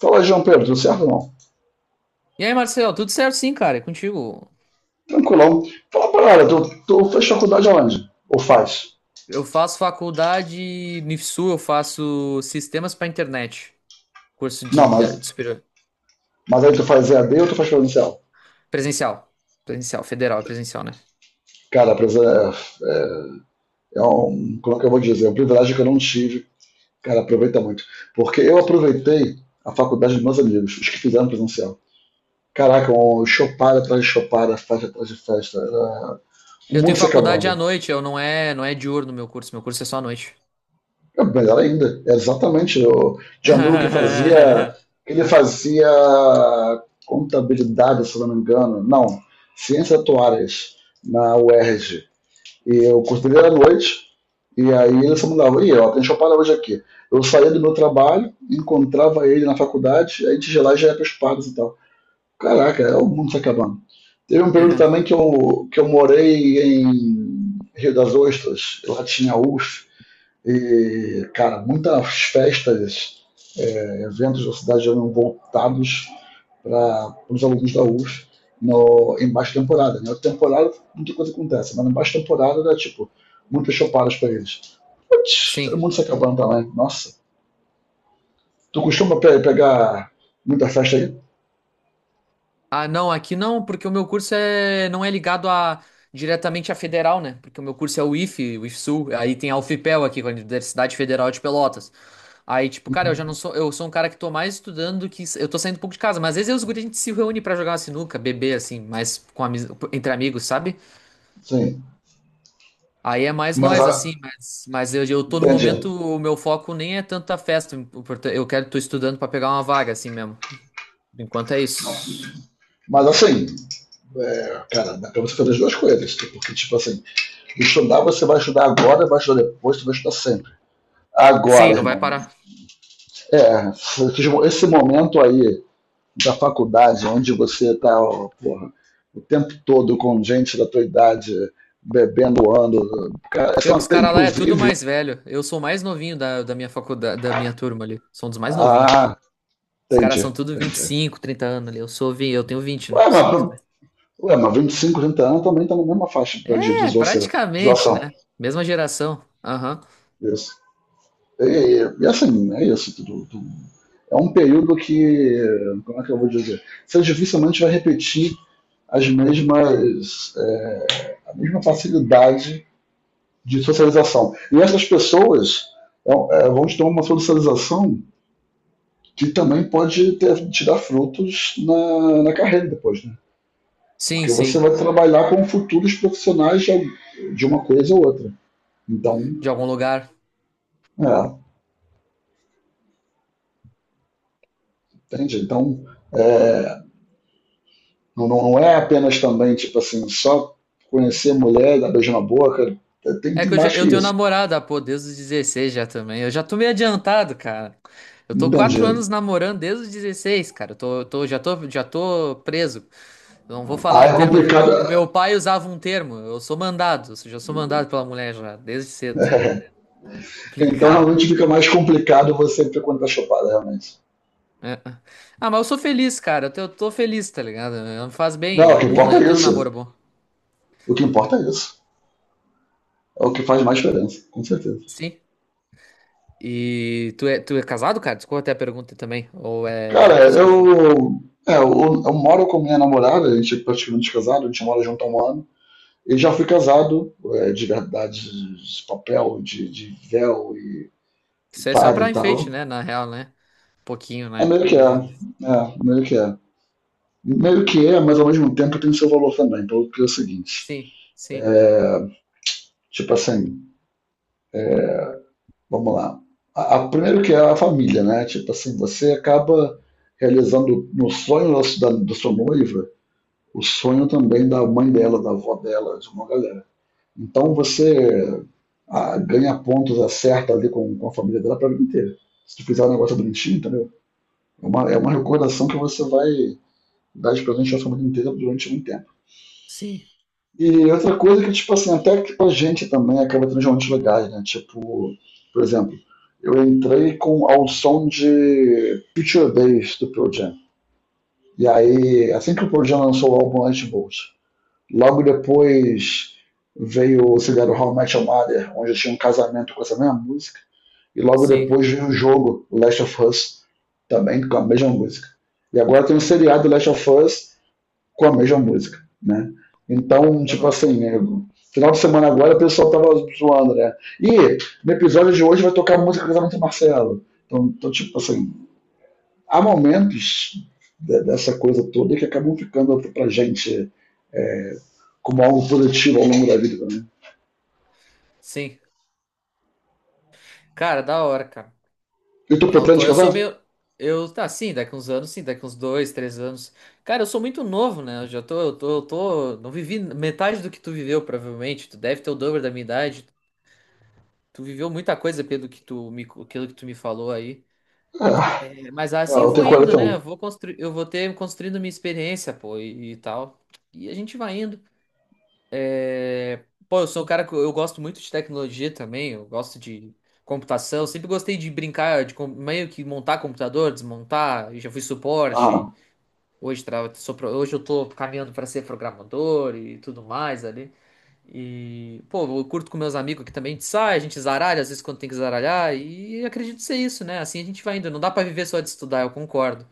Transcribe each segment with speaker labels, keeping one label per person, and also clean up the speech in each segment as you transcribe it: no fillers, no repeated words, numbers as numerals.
Speaker 1: Fala, João Pedro, tudo certo ou não?
Speaker 2: E aí, Marcelo, tudo certo, sim, cara, é contigo.
Speaker 1: Tranquilão. Fala pra ela, tu fez faculdade aonde? Ou faz?
Speaker 2: Eu faço faculdade no IFSU, eu faço sistemas para internet, curso
Speaker 1: Não,
Speaker 2: de superior,
Speaker 1: mas aí tu faz EAD ou tu faz presencial?
Speaker 2: presencial, presencial, federal, é presencial, né?
Speaker 1: Cara, é, é um, como é que eu vou dizer, é um privilégio que eu não tive. Cara, aproveita muito. Porque eu aproveitei a faculdade dos meus amigos, os que fizeram presencial. Caraca, um chopada atrás de chopada, festa atrás de festa. Era o
Speaker 2: Eu
Speaker 1: mundo
Speaker 2: tenho
Speaker 1: se
Speaker 2: faculdade à
Speaker 1: acabando.
Speaker 2: noite, eu não é diurno meu curso é só à noite.
Speaker 1: É melhor ainda, é exatamente. O Gianluca que fazia, ele fazia contabilidade, se eu não me engano, não, ciências atuárias na UERJ. ERJ. E o curso dele era à noite, e aí ele se mudava, e ó, tem chopara hoje aqui. Eu saía do meu trabalho, encontrava ele na faculdade, aí a gente de lá e já ia para os pagos e tal. Caraca, é o mundo se acabando. Teve um período também que eu morei em Rio das Ostras, lá tinha UF, e, cara, muitas festas, eventos da cidade eram voltados para os alunos da UF no, em baixa temporada. Na né? temporada, muita coisa acontece, mas na baixa temporada era tipo, muitas chopadas para eles. Putz, todo
Speaker 2: Sim.
Speaker 1: mundo se acabando também. Nossa. Tu costuma pe pegar muita festa aí?
Speaker 2: Ah, não, aqui não, porque o meu curso é, não é ligado a diretamente à federal, né? Porque o meu curso é o IFE, o IFSU, aí tem a UFPEL aqui, com a Universidade Federal de Pelotas. Aí, tipo, cara, eu já não sou, eu sou um cara que tô mais estudando do que, eu tô saindo um pouco de casa, mas às vezes eu e os guri, a gente se reúne pra jogar uma sinuca, beber, assim, mas entre amigos, sabe?
Speaker 1: Sim.
Speaker 2: Aí é mais
Speaker 1: Mas,
Speaker 2: nós, assim, mas eu tô no
Speaker 1: entende?
Speaker 2: momento, o meu foco nem é tanto a festa, eu quero, tô estudando pra pegar uma vaga, assim mesmo. Por enquanto é isso.
Speaker 1: Mas assim, cara, dá pra você fazer as duas coisas. Tipo, porque, tipo assim, estudar você vai estudar agora, vai estudar depois, você vai estudar sempre.
Speaker 2: Sim,
Speaker 1: Agora,
Speaker 2: não vai
Speaker 1: irmão.
Speaker 2: parar.
Speaker 1: É, esse momento aí da faculdade, onde você tá, ó, porra, o tempo todo com gente da tua idade bebendo, ano, cara,
Speaker 2: Pior
Speaker 1: são
Speaker 2: que os
Speaker 1: até
Speaker 2: caras lá é tudo
Speaker 1: inclusive.
Speaker 2: mais velho. Eu sou o mais novinho da minha faculdade, da minha turma ali. Sou um dos mais novinhos.
Speaker 1: Ah,
Speaker 2: Os caras são
Speaker 1: entendi,
Speaker 2: tudo vinte e
Speaker 1: entendi.
Speaker 2: cinco, 30 anos ali. Eu sou, eu tenho 20, né?
Speaker 1: Ué,
Speaker 2: Sou
Speaker 1: mas,
Speaker 2: um dos mais...
Speaker 1: ué, mas 25, 30 anos também tá na mesma faixa pra de
Speaker 2: É,
Speaker 1: deslocação.
Speaker 2: praticamente,
Speaker 1: Deslocação.
Speaker 2: né? Mesma geração. Aham.
Speaker 1: Isso. E assim, é isso. Tudo, tudo. É um período que, como é que eu vou dizer? Você dificilmente vai repetir as mesmas é, a mesma facilidade de socialização. E essas pessoas vão ter uma socialização que também pode ter, tirar frutos na carreira depois, né?
Speaker 2: Sim,
Speaker 1: Porque você
Speaker 2: sim.
Speaker 1: vai trabalhar com futuros profissionais de, uma coisa ou outra. Então,
Speaker 2: De algum lugar.
Speaker 1: é, entende? Então, é, não é apenas também, tipo assim, só conhecer a mulher, dar beijo na boca, tem,
Speaker 2: É
Speaker 1: tem
Speaker 2: que
Speaker 1: mais
Speaker 2: eu
Speaker 1: que
Speaker 2: tenho
Speaker 1: isso.
Speaker 2: namorada, pô, desde os 16 já também. Eu já tô meio adiantado, cara. Eu tô
Speaker 1: Entende?
Speaker 2: quatro anos namorando desde os 16, cara. Eu tô, já tô preso. Eu não vou
Speaker 1: Ah,
Speaker 2: falar um
Speaker 1: é
Speaker 2: termo aqui.
Speaker 1: complicado.
Speaker 2: Meu pai usava um termo. Eu sou mandado. Ou seja, eu sou mandado pela mulher já, desde cedo.
Speaker 1: É, então
Speaker 2: Complicado.
Speaker 1: realmente fica mais complicado você ver quando tá chopada, realmente.
Speaker 2: É. Ah, mas eu sou feliz, cara. Eu tô feliz, tá ligado? Eu- me faz bem.
Speaker 1: Não,
Speaker 2: É
Speaker 1: o
Speaker 2: um
Speaker 1: que
Speaker 2: bom,
Speaker 1: importa
Speaker 2: eu
Speaker 1: é
Speaker 2: tenho um
Speaker 1: isso.
Speaker 2: namoro bom.
Speaker 1: O que importa é isso. É o que faz mais diferença, com certeza.
Speaker 2: Sim. E tu é casado, cara? Desculpa até a pergunta também. Ou é
Speaker 1: Cara,
Speaker 2: sozinho?
Speaker 1: eu. É, eu moro com minha namorada, a gente é praticamente casado, a gente mora junto há um ano. E já fui casado, é, de verdade, de papel, de véu e
Speaker 2: Isso é só
Speaker 1: padre e
Speaker 2: pra
Speaker 1: tal.
Speaker 2: enfeite, né? Na real, né? Um pouquinho,
Speaker 1: É
Speaker 2: né?
Speaker 1: meio que é. É, meio que é. Meio que é, mas ao mesmo tempo tem seu valor também, pelo que é o seguinte.
Speaker 2: Sim, sim,
Speaker 1: É, tipo assim, vamos lá. Primeiro que é a família, né? Tipo assim, você acaba realizando no sonho da sua noiva, o sonho também da mãe dela, da avó dela, de uma galera. Então você ganha pontos, acerta ali com a família dela pra vida inteira. Se tu fizer um negócio bonitinho, entendeu? É uma recordação que você vai dar de presente à família inteira durante um tempo.
Speaker 2: sim,
Speaker 1: E outra coisa que, tipo assim, até que pra gente também acaba tendo uns momentos legais, né? Tipo, por exemplo, eu entrei com ao som de Future Bass do Pearl Jam. E aí, assim que o Pearl Jam lançou o álbum Lightbolt, logo depois veio o Cigarro How I Met Your Mother, onde eu tinha um casamento com essa mesma música. E logo
Speaker 2: sim.
Speaker 1: depois veio o jogo Last of Us, também com a mesma música. E agora tem um seriado Last of Us com a mesma música, né? Então, tipo
Speaker 2: Aham.
Speaker 1: assim, né? Final de semana agora o pessoal tava zoando, né? E no episódio de hoje vai tocar a música do casamento do Marcelo. Então, tipo assim, há momentos dessa coisa toda que acabam ficando pra gente como algo positivo ao longo da vida também.
Speaker 2: Sim. Cara, da hora, cara.
Speaker 1: E tu
Speaker 2: É, eu tô,
Speaker 1: pretende
Speaker 2: eu sou
Speaker 1: casar?
Speaker 2: meio. Eu, tá, sim, daqui uns anos, sim, daqui uns dois, três anos. Cara, eu sou muito novo, né? Eu já tô, eu tô. Não vivi metade do que tu viveu, provavelmente. Tu deve ter o dobro da minha idade. Tu viveu muita coisa pelo que tu me, pelo que tu me falou aí.
Speaker 1: É,
Speaker 2: É, mas
Speaker 1: é,
Speaker 2: assim eu
Speaker 1: eu
Speaker 2: vou
Speaker 1: tenho
Speaker 2: indo, né? Eu
Speaker 1: 41.
Speaker 2: vou construir, eu vou ter construindo minha experiência, pô, e tal. E a gente vai indo. É, pô, eu sou um cara que eu gosto muito de tecnologia também, eu gosto de computação, sempre gostei de brincar, de meio que montar computador, desmontar, e já fui suporte,
Speaker 1: Ah,
Speaker 2: hoje, hoje eu tô caminhando para ser programador e tudo mais ali. E, pô, eu curto com meus amigos aqui também, a gente sai, a gente zaralha, às vezes quando tem que zaralhar, e acredito ser isso, né? Assim a gente vai indo, não dá para viver só de estudar, eu concordo.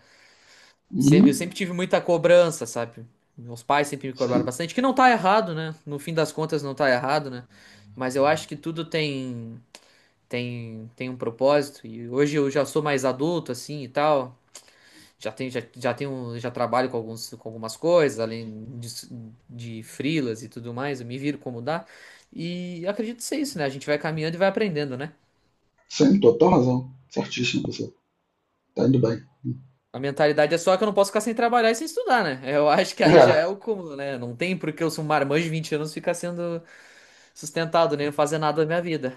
Speaker 1: uhum,
Speaker 2: Eu sempre tive muita cobrança, sabe? Meus pais sempre me cobraram
Speaker 1: sim,
Speaker 2: bastante, que não tá errado, né? No fim das contas, não tá errado, né? Mas eu acho que tudo tem um propósito e hoje eu já sou mais adulto assim e tal. Já tenho já trabalho com alguns com algumas coisas, além disso- de, frilas e tudo mais, eu me viro como dá. E acredito ser isso, né? A gente vai caminhando e vai aprendendo, né?
Speaker 1: sim, total razão. Certíssimo você. Tá indo bem.
Speaker 2: A mentalidade é só que eu não posso ficar sem trabalhar e sem estudar, né? Eu acho que aí já
Speaker 1: É,
Speaker 2: é o cúmulo, né? Não tem porque eu sou um marmanjo de 20 anos ficar sendo sustentado, nem fazer nada da minha vida.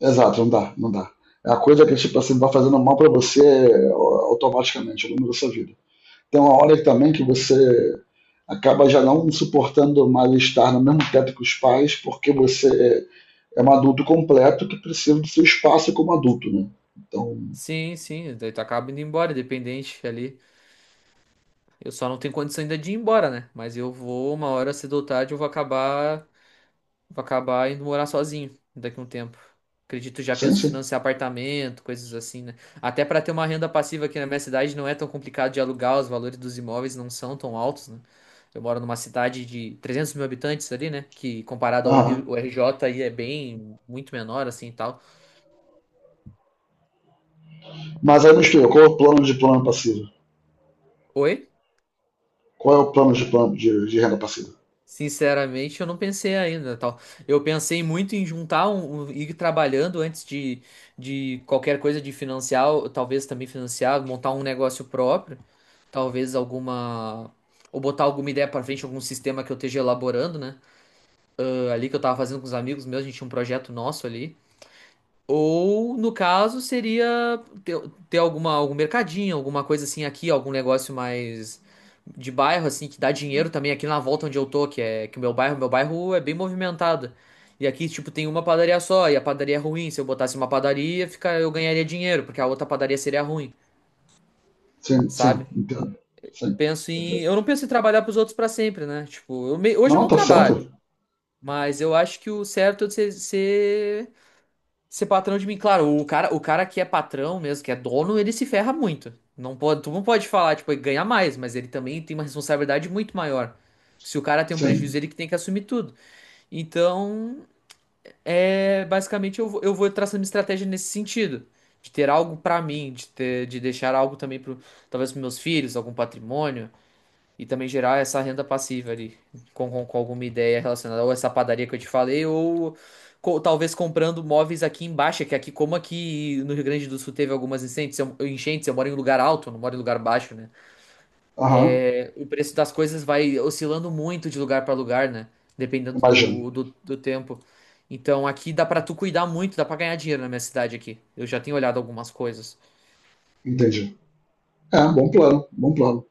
Speaker 1: exato, não dá, não dá. É a coisa que tipo assim, vai fazendo mal para você automaticamente ao longo da sua vida. Tem uma hora também que você acaba já não suportando mais estar no mesmo teto que os pais, porque você é um adulto completo que precisa do seu espaço como adulto, né? Então,
Speaker 2: Sim, sim, daí tu acaba indo embora, independente ali. Eu só não tenho condição ainda de ir embora, né? Mas eu vou, uma hora cedo ou tarde, eu vou acabar vou acabar indo morar sozinho daqui a um tempo. Acredito, já
Speaker 1: sim,
Speaker 2: penso em
Speaker 1: sim.
Speaker 2: financiar apartamento, coisas assim, né? Até para ter uma renda passiva aqui na minha cidade não é tão complicado de alugar, os valores dos imóveis não são tão altos, né? Eu moro numa cidade de 300 mil habitantes ali, né? Que comparado ao Rio,
Speaker 1: Aham.
Speaker 2: o RJ aí é bem, muito menor assim e tal.
Speaker 1: Mas aí me explica, qual é o plano de plano passivo?
Speaker 2: Oi?
Speaker 1: Qual é o plano de plano de renda passiva?
Speaker 2: Sinceramente, eu não pensei ainda, tal. Eu pensei muito em juntar ir trabalhando antes de qualquer coisa de financiar, ou talvez também financiar, montar um negócio próprio. Talvez alguma. Ou botar alguma ideia pra frente, algum sistema que eu esteja elaborando, né? Ah, ali que eu tava fazendo com os amigos meus, a gente tinha um projeto nosso ali. Ou, no caso, ter alguma, algum mercadinho, alguma coisa assim aqui, algum negócio mais de bairro, assim, que dá dinheiro também aqui na volta onde eu tô, que o meu bairro é bem movimentado. E aqui, tipo, tem uma padaria só, e a padaria é ruim. Se eu botasse uma padaria, fica, eu ganharia dinheiro, porque a outra padaria seria ruim,
Speaker 1: Sim, sim,
Speaker 2: sabe?
Speaker 1: entendo. Sim,
Speaker 2: Penso em.
Speaker 1: perfeito.
Speaker 2: Eu não penso em trabalhar pros outros pra sempre, né? Tipo, hoje eu
Speaker 1: Não,
Speaker 2: não
Speaker 1: tá
Speaker 2: trabalho,
Speaker 1: certo?
Speaker 2: mas eu acho que o certo é ser patrão de mim. Claro, o cara que é patrão mesmo, que é dono, ele se ferra muito. Não pode, tu não pode falar, tipo, ele ganha mais, mas ele também tem uma responsabilidade muito maior. Se o cara tem um prejuízo,
Speaker 1: Sim.
Speaker 2: ele que tem que assumir tudo. Então, é, basicamente eu vou traçando uma estratégia nesse sentido. De ter algo pra mim, de deixar algo também pro, talvez pros meus filhos, algum patrimônio. E também gerar essa renda passiva ali, com alguma ideia relacionada ou essa padaria que eu te falei, ou talvez comprando móveis aqui embaixo, que aqui, como aqui no Rio Grande do Sul teve algumas incêndios, enchentes, eu moro em lugar alto, não moro em lugar baixo, né?
Speaker 1: Aham,
Speaker 2: É, o preço das coisas vai oscilando muito de lugar para lugar, né? Dependendo
Speaker 1: imagino.
Speaker 2: do tempo. Então aqui dá pra tu cuidar muito, dá pra ganhar dinheiro na minha cidade aqui. Eu já tenho olhado algumas coisas.
Speaker 1: Entendi. É, bom plano, bom plano.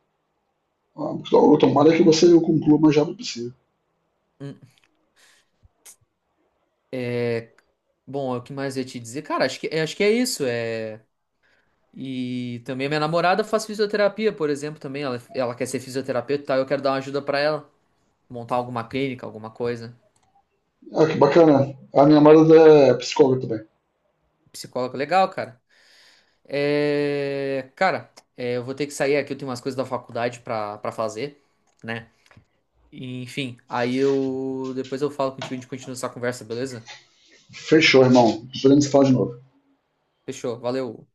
Speaker 1: Ah, então, tomara que você conclua o mais rápido possível.
Speaker 2: Hum, Bom, o que mais eu ia te dizer? Cara, acho que é isso. É. E também a minha namorada faz fisioterapia, por exemplo, também. Ela quer ser fisioterapeuta e tal. Eu quero dar uma ajuda pra ela. Montar alguma clínica, alguma coisa.
Speaker 1: Ah, que bacana. A minha namorada é psicóloga também.
Speaker 2: Psicólogo, legal, cara. É, cara, é, eu vou ter que sair aqui. Eu tenho umas coisas da faculdade pra fazer, né? E, enfim, aí eu. depois eu falo contigo e a gente continua essa conversa, beleza?
Speaker 1: Fechou, irmão. Podemos falar de novo.
Speaker 2: Fechou, valeu.